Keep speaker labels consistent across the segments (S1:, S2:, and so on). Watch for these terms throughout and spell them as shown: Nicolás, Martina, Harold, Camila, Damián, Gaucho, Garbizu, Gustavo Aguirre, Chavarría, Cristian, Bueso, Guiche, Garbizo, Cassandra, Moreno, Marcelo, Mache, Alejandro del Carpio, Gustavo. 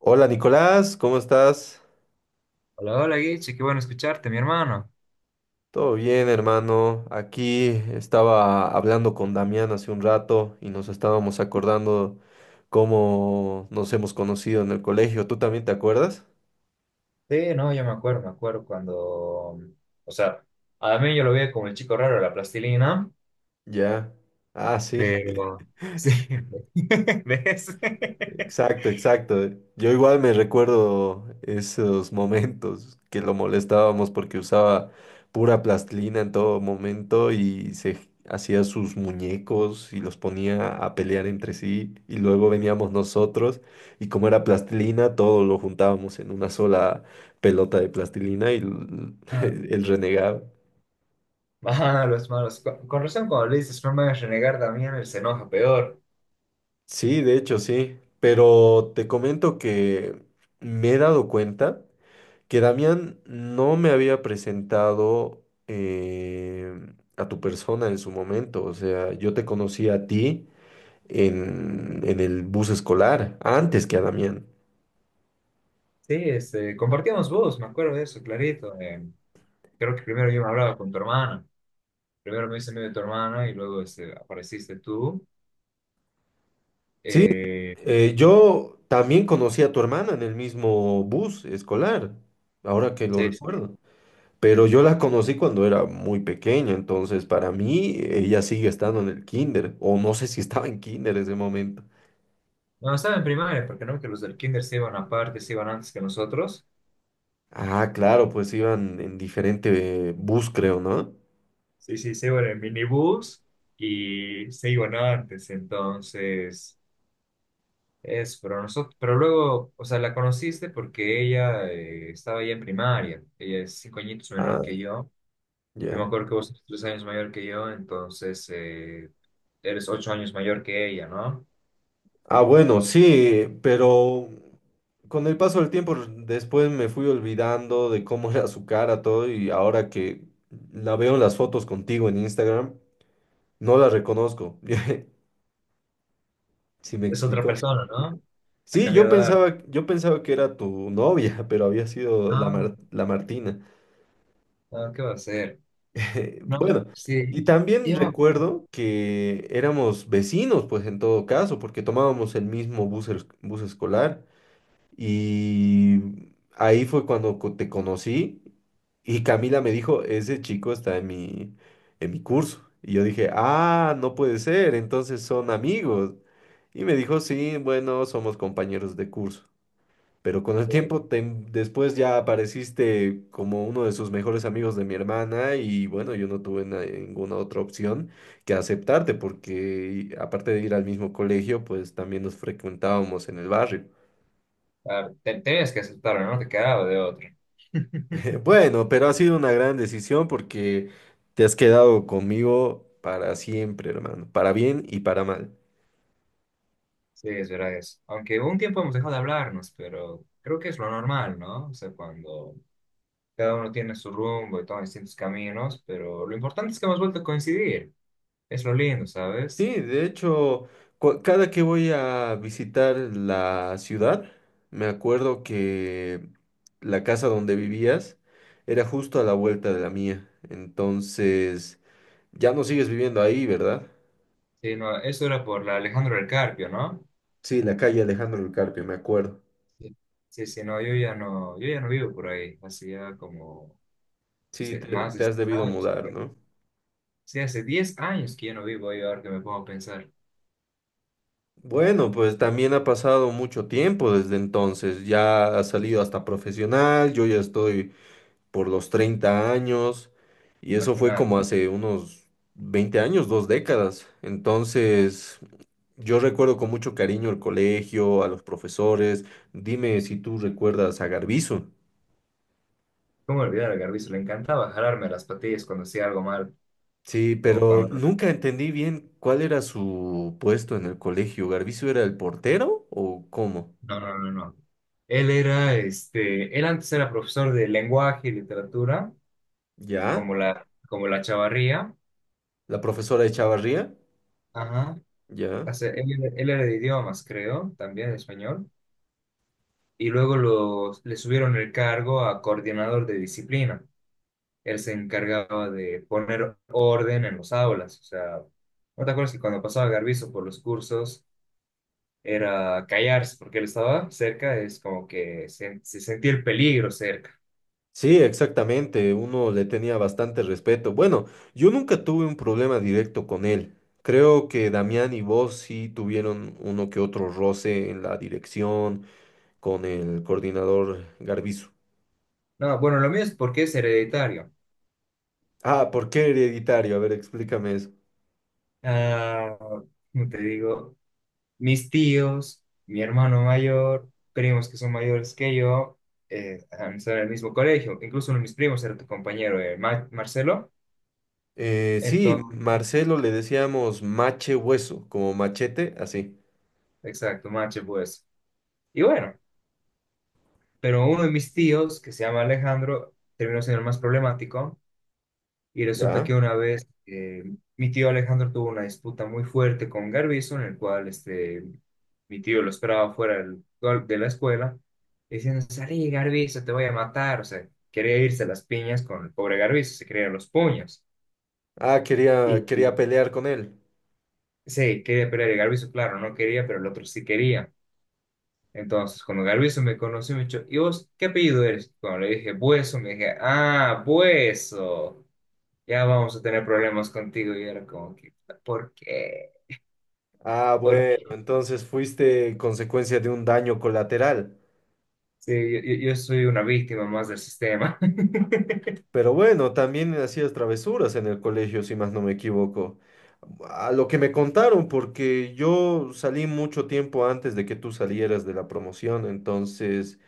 S1: Hola Nicolás, ¿cómo estás?
S2: Hola, hola Guiche, qué bueno escucharte, mi hermano.
S1: Todo bien, hermano. Aquí estaba hablando con Damián hace un rato y nos estábamos acordando cómo nos hemos conocido en el colegio. ¿Tú también te acuerdas?
S2: Sí, no, yo me acuerdo cuando, o sea, a mí yo lo veía como el chico raro de la plastilina,
S1: Ya. Ah, sí.
S2: pero sí, ¿ves?
S1: Exacto, exacto. Yo igual me recuerdo esos momentos que lo molestábamos porque usaba pura plastilina en todo momento y se hacía sus muñecos y los ponía a pelear entre sí y luego veníamos nosotros y como era plastilina todo lo juntábamos en una sola pelota de plastilina y
S2: Malos,
S1: el renegado.
S2: malos, malos. Con razón cuando le dices, no me hagas renegar, Damián, él se enoja peor.
S1: Sí, de hecho sí, pero te comento que me he dado cuenta que Damián no me había presentado a tu persona en su momento. O sea, yo te conocí a ti en el bus escolar, antes que a Damián.
S2: Sí, este, compartíamos voz, me acuerdo de eso, clarito. Creo que primero yo me hablaba con tu hermana, primero me hice amigo de tu hermana y luego este, apareciste tú.
S1: Sí,
S2: Eh,
S1: yo también conocí a tu hermana en el mismo bus escolar, ahora que lo
S2: sí, sí.
S1: recuerdo. Pero yo la conocí cuando era muy pequeña, entonces para mí ella sigue estando en el kinder, o no sé si estaba en kinder en ese momento.
S2: No, estaba en primaria, porque no, que los del kinder se iban aparte, se iban antes que nosotros.
S1: Ah, claro, pues iban en diferente bus, creo, ¿no?
S2: Sí, sí, se iban en minibús y se iban antes, entonces, es, pero nosotros, pero luego, o sea, la conociste porque ella estaba ya en primaria. Ella es 5 añitos menor
S1: Ah,
S2: que yo me
S1: ya.
S2: acuerdo que vos eres 3 años mayor que yo, entonces eres 8 años mayor que ella, ¿no?
S1: Ah, bueno, sí, pero con el paso del tiempo después me fui olvidando de cómo era su cara, todo, y ahora que la veo en las fotos contigo en Instagram, no la reconozco. ¿Si me
S2: Es otra
S1: explico?
S2: persona, ¿no? Ha
S1: Sí, yo
S2: cambiado de edad.
S1: pensaba, yo pensaba que era tu novia, pero había sido la
S2: No,
S1: la Martina.
S2: no, ¿qué va a hacer? No,
S1: Bueno,
S2: sí.
S1: y también
S2: Yo me-
S1: recuerdo que éramos vecinos, pues en todo caso, porque tomábamos el mismo bus, bus escolar y ahí fue cuando te conocí y Camila me dijo, ese chico está en mi curso. Y yo dije, ah, no puede ser, entonces son amigos. Y me dijo, sí, bueno, somos compañeros de curso. Pero con el tiempo, te después ya apareciste como uno de sus mejores amigos de mi hermana y bueno, yo no tuve ninguna otra opción que aceptarte porque aparte de ir al mismo colegio, pues también nos frecuentábamos en el barrio.
S2: Claro, tenías que aceptarlo, no te quedaba de otro.
S1: Bueno, pero ha sido una gran decisión porque te has quedado conmigo para siempre, hermano, para bien y para mal.
S2: Sí, es verdad eso. Aunque un tiempo hemos dejado de hablarnos, pero creo que es lo normal, ¿no? O sea, cuando cada uno tiene su rumbo y toma distintos caminos, pero lo importante es que hemos vuelto a coincidir. Es lo lindo, ¿sabes?
S1: Sí, de hecho, cada que voy a visitar la ciudad, me acuerdo que la casa donde vivías era justo a la vuelta de la mía. Entonces, ya no sigues viviendo ahí, ¿verdad?
S2: Sí, no, eso era por la Alejandro del Carpio, ¿no?
S1: Sí, la calle Alejandro del Carpio, me acuerdo.
S2: Sí, sí, sí, no, yo ya no vivo por ahí. Hacía como
S1: Sí, te,
S2: más de
S1: te has
S2: seis
S1: debido
S2: años. Que
S1: mudar,
S2: no-
S1: ¿no?
S2: Sí, hace 10 años que yo no vivo ahí, ahora que me pongo a pensar.
S1: Bueno, pues también ha pasado mucho tiempo desde entonces. Ya has salido hasta profesional, yo ya estoy por los 30 años, y eso fue
S2: Imaginar.
S1: como hace unos 20 años, dos décadas. Entonces, yo recuerdo con mucho cariño el colegio, a los profesores. Dime si tú recuerdas a Garbizo.
S2: ¿Cómo olvidar a Garbizo? Le encantaba jalarme las patillas cuando hacía algo mal
S1: Sí,
S2: o
S1: pero
S2: cuando...
S1: nunca entendí bien cuál era su puesto en el colegio. ¿Garbizo era el portero o cómo?
S2: No, no, no, no. Él era, este, él antes era profesor de lenguaje y literatura,
S1: ¿Ya?
S2: como la Chavarría.
S1: ¿La profesora de Chavarría?
S2: Ajá.
S1: ¿Ya?
S2: O sea, él era de idiomas, creo, también de español. Y luego le subieron el cargo a coordinador de disciplina. Él se encargaba de poner orden en los aulas. O sea, ¿no te acuerdas que cuando pasaba Garbizo por los cursos era callarse, porque él estaba cerca, es como que se sentía el peligro cerca.
S1: Sí, exactamente, uno le tenía bastante respeto. Bueno, yo nunca tuve un problema directo con él. Creo que Damián y vos sí tuvieron uno que otro roce en la dirección con el coordinador Garbizu.
S2: No, bueno, lo mío es porque es hereditario.
S1: Ah, ¿por qué hereditario? A ver, explícame eso.
S2: Ah, ¿cómo te digo, mis tíos, mi hermano mayor, primos que son mayores que yo, han estado en el mismo colegio. Incluso uno de mis primos era tu compañero, Marcelo.
S1: Sí,
S2: Entonces,
S1: Marcelo le decíamos mache hueso, como machete, así.
S2: exacto, Mache, pues. Y bueno, pero uno de mis tíos, que se llama Alejandro, terminó siendo el más problemático. Y resulta
S1: ¿Ya?
S2: que una vez mi tío Alejandro tuvo una disputa muy fuerte con Garbizo, en el cual este, mi tío lo esperaba fuera de la escuela, diciendo, salí Garbizo, te voy a matar. O sea, quería irse a las piñas con el pobre Garbizo, se querían los puños.
S1: Ah, quería,
S2: Y
S1: quería
S2: y
S1: pelear con él.
S2: sí, quería pelear y Garbizo, claro, no quería, pero el otro sí quería. Entonces, cuando Garbizo me conoció, me dijo, ¿y vos qué apellido eres? Cuando le dije, Bueso, me dije, ah, Bueso, ya vamos a tener problemas contigo. Y era como que, ¿por qué?
S1: Ah,
S2: ¿Por
S1: bueno,
S2: qué?
S1: entonces fuiste consecuencia de un daño colateral.
S2: Sí, yo soy una víctima más del sistema.
S1: Pero bueno, también hacías travesuras en el colegio, si más no me equivoco. A lo que me contaron, porque yo salí mucho tiempo antes de que tú salieras de la promoción, entonces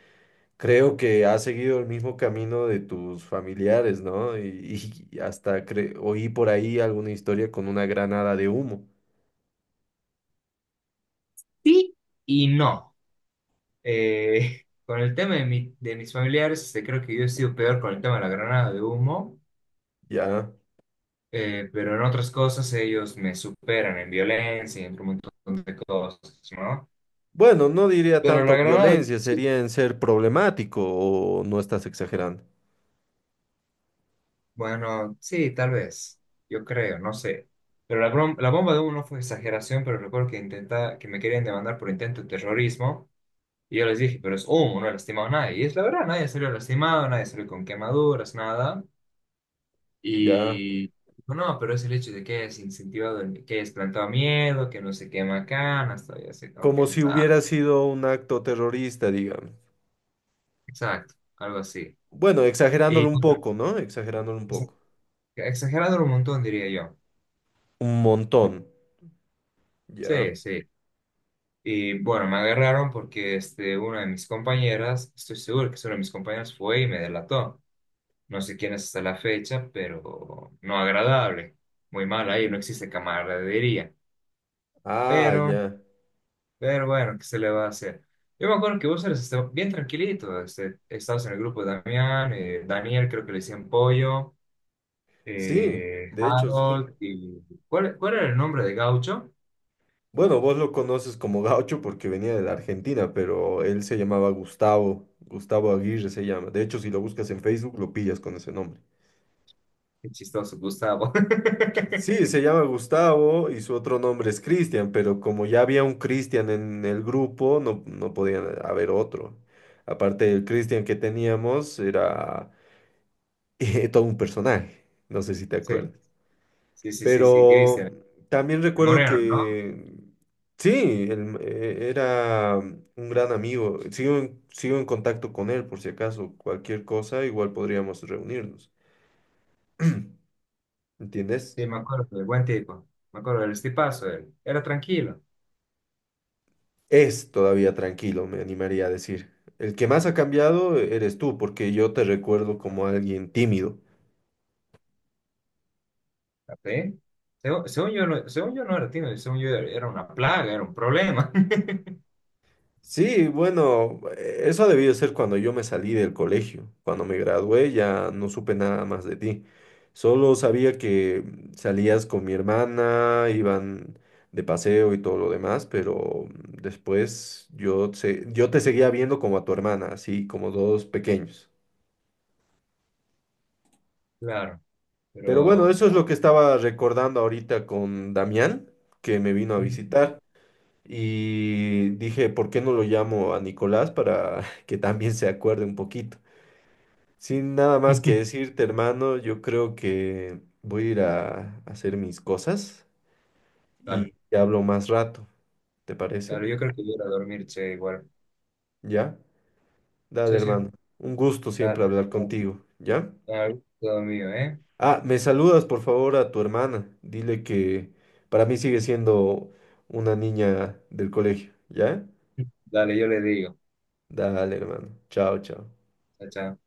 S1: creo que has seguido el mismo camino de tus familiares, ¿no? Y hasta oí por ahí alguna historia con una granada de humo,
S2: Sí y no. Con el tema de mis familiares, este, creo que yo he sido peor con el tema de la granada de humo,
S1: ¿ya?
S2: pero en otras cosas ellos me superan en violencia y en un montón de cosas, ¿no?
S1: Bueno, no diría
S2: Pero
S1: tanto
S2: la granada de humo
S1: violencia,
S2: sí.
S1: sería en ser problemático o no estás exagerando,
S2: Bueno, sí, tal vez. Yo creo, no sé. Pero la bomba de uno fue exageración, pero recuerdo que intenta que me querían demandar por intento de terrorismo. Y yo les dije, pero es humo, no he lastimado a nadie. Y es la verdad, nadie salió lastimado, nadie salió con quemaduras, nada.
S1: ¿ya?
S2: Y dijo, no, pero es el hecho de que hayas incentivado, que hayas plantado miedo, que no se quema canas, y así, como
S1: Como
S2: que
S1: si
S2: nada.
S1: hubiera sido un acto terrorista, digamos.
S2: Exacto, algo así.
S1: Bueno,
S2: Y
S1: exagerándolo un
S2: bueno,
S1: poco, ¿no? Exagerándolo un
S2: exa-
S1: poco.
S2: exagerado un montón, diría yo.
S1: Un montón. Ya.
S2: Sí, sí. Y bueno, me agarraron porque este, una de mis compañeras, estoy seguro que es una de mis compañeras, fue y me delató. No sé quién es hasta la fecha, pero no agradable. Muy mal ahí, no existe camaradería.
S1: Ah,
S2: Pero,
S1: ya.
S2: pero bueno, ¿qué se le va a hacer? Yo me acuerdo que vos eres este, bien tranquilito. Este, estabas en el grupo de Damián, Daniel creo que le decían Pollo,
S1: Sí, de hecho, sí.
S2: Harold y... ¿Cuál era el nombre de Gaucho?
S1: Bueno, vos lo conoces como gaucho porque venía de la Argentina, pero él se llamaba Gustavo. Gustavo Aguirre se llama. De hecho, si lo buscas en Facebook, lo pillas con ese nombre.
S2: Qué chistoso, Gustavo.
S1: Sí, se llama Gustavo y su otro nombre es Cristian, pero como ya había un Cristian en el grupo, no, no podía haber otro. Aparte, el Cristian que teníamos era todo un personaje, no sé si te
S2: Sí,
S1: acuerdas.
S2: sí, sí, sí, sí,
S1: Pero
S2: Cristian.
S1: también
S2: El
S1: recuerdo
S2: Moreno, ¿no?
S1: que sí, él, era un gran amigo. Sigo en contacto con él por si acaso, cualquier cosa, igual podríamos reunirnos. ¿Entiendes?
S2: Sí, me acuerdo, el buen tipo. Me acuerdo del estipazo, él. Era tranquilo.
S1: Es todavía tranquilo, me animaría a decir. El que más ha cambiado eres tú, porque yo te recuerdo como alguien tímido.
S2: ¿Sí? Según, según yo no era tímido, según yo era una plaga, era un problema.
S1: Sí, bueno, eso ha debido ser cuando yo me salí del colegio. Cuando me gradué ya no supe nada más de ti. Solo sabía que salías con mi hermana, iban de paseo y todo lo demás, pero después yo te seguía viendo como a tu hermana, así como dos pequeños.
S2: Claro,
S1: Pero bueno,
S2: pero...
S1: eso es
S2: ah,
S1: lo que estaba recordando ahorita con Damián, que me vino a
S2: ujú.
S1: visitar. Y dije, ¿por qué no lo llamo a Nicolás para que también se acuerde un poquito? Sin nada más que decirte, hermano, yo creo que voy a ir a hacer mis cosas
S2: Dale,
S1: y te hablo más rato, ¿te parece?
S2: dale, yo creo que voy a ir a dormir, che, igual.
S1: ¿Ya? Dale,
S2: Sí, sí,
S1: hermano. Un gusto
S2: dale,
S1: siempre hablar
S2: dale,
S1: contigo, ¿ya?
S2: dale, todo mío, ¿eh?
S1: Ah, me saludas, por favor, a tu hermana. Dile que para mí sigue siendo una niña del colegio, ¿ya?
S2: Dale, yo le digo.
S1: Dale, hermano. Chao, chao.
S2: Chao, chao.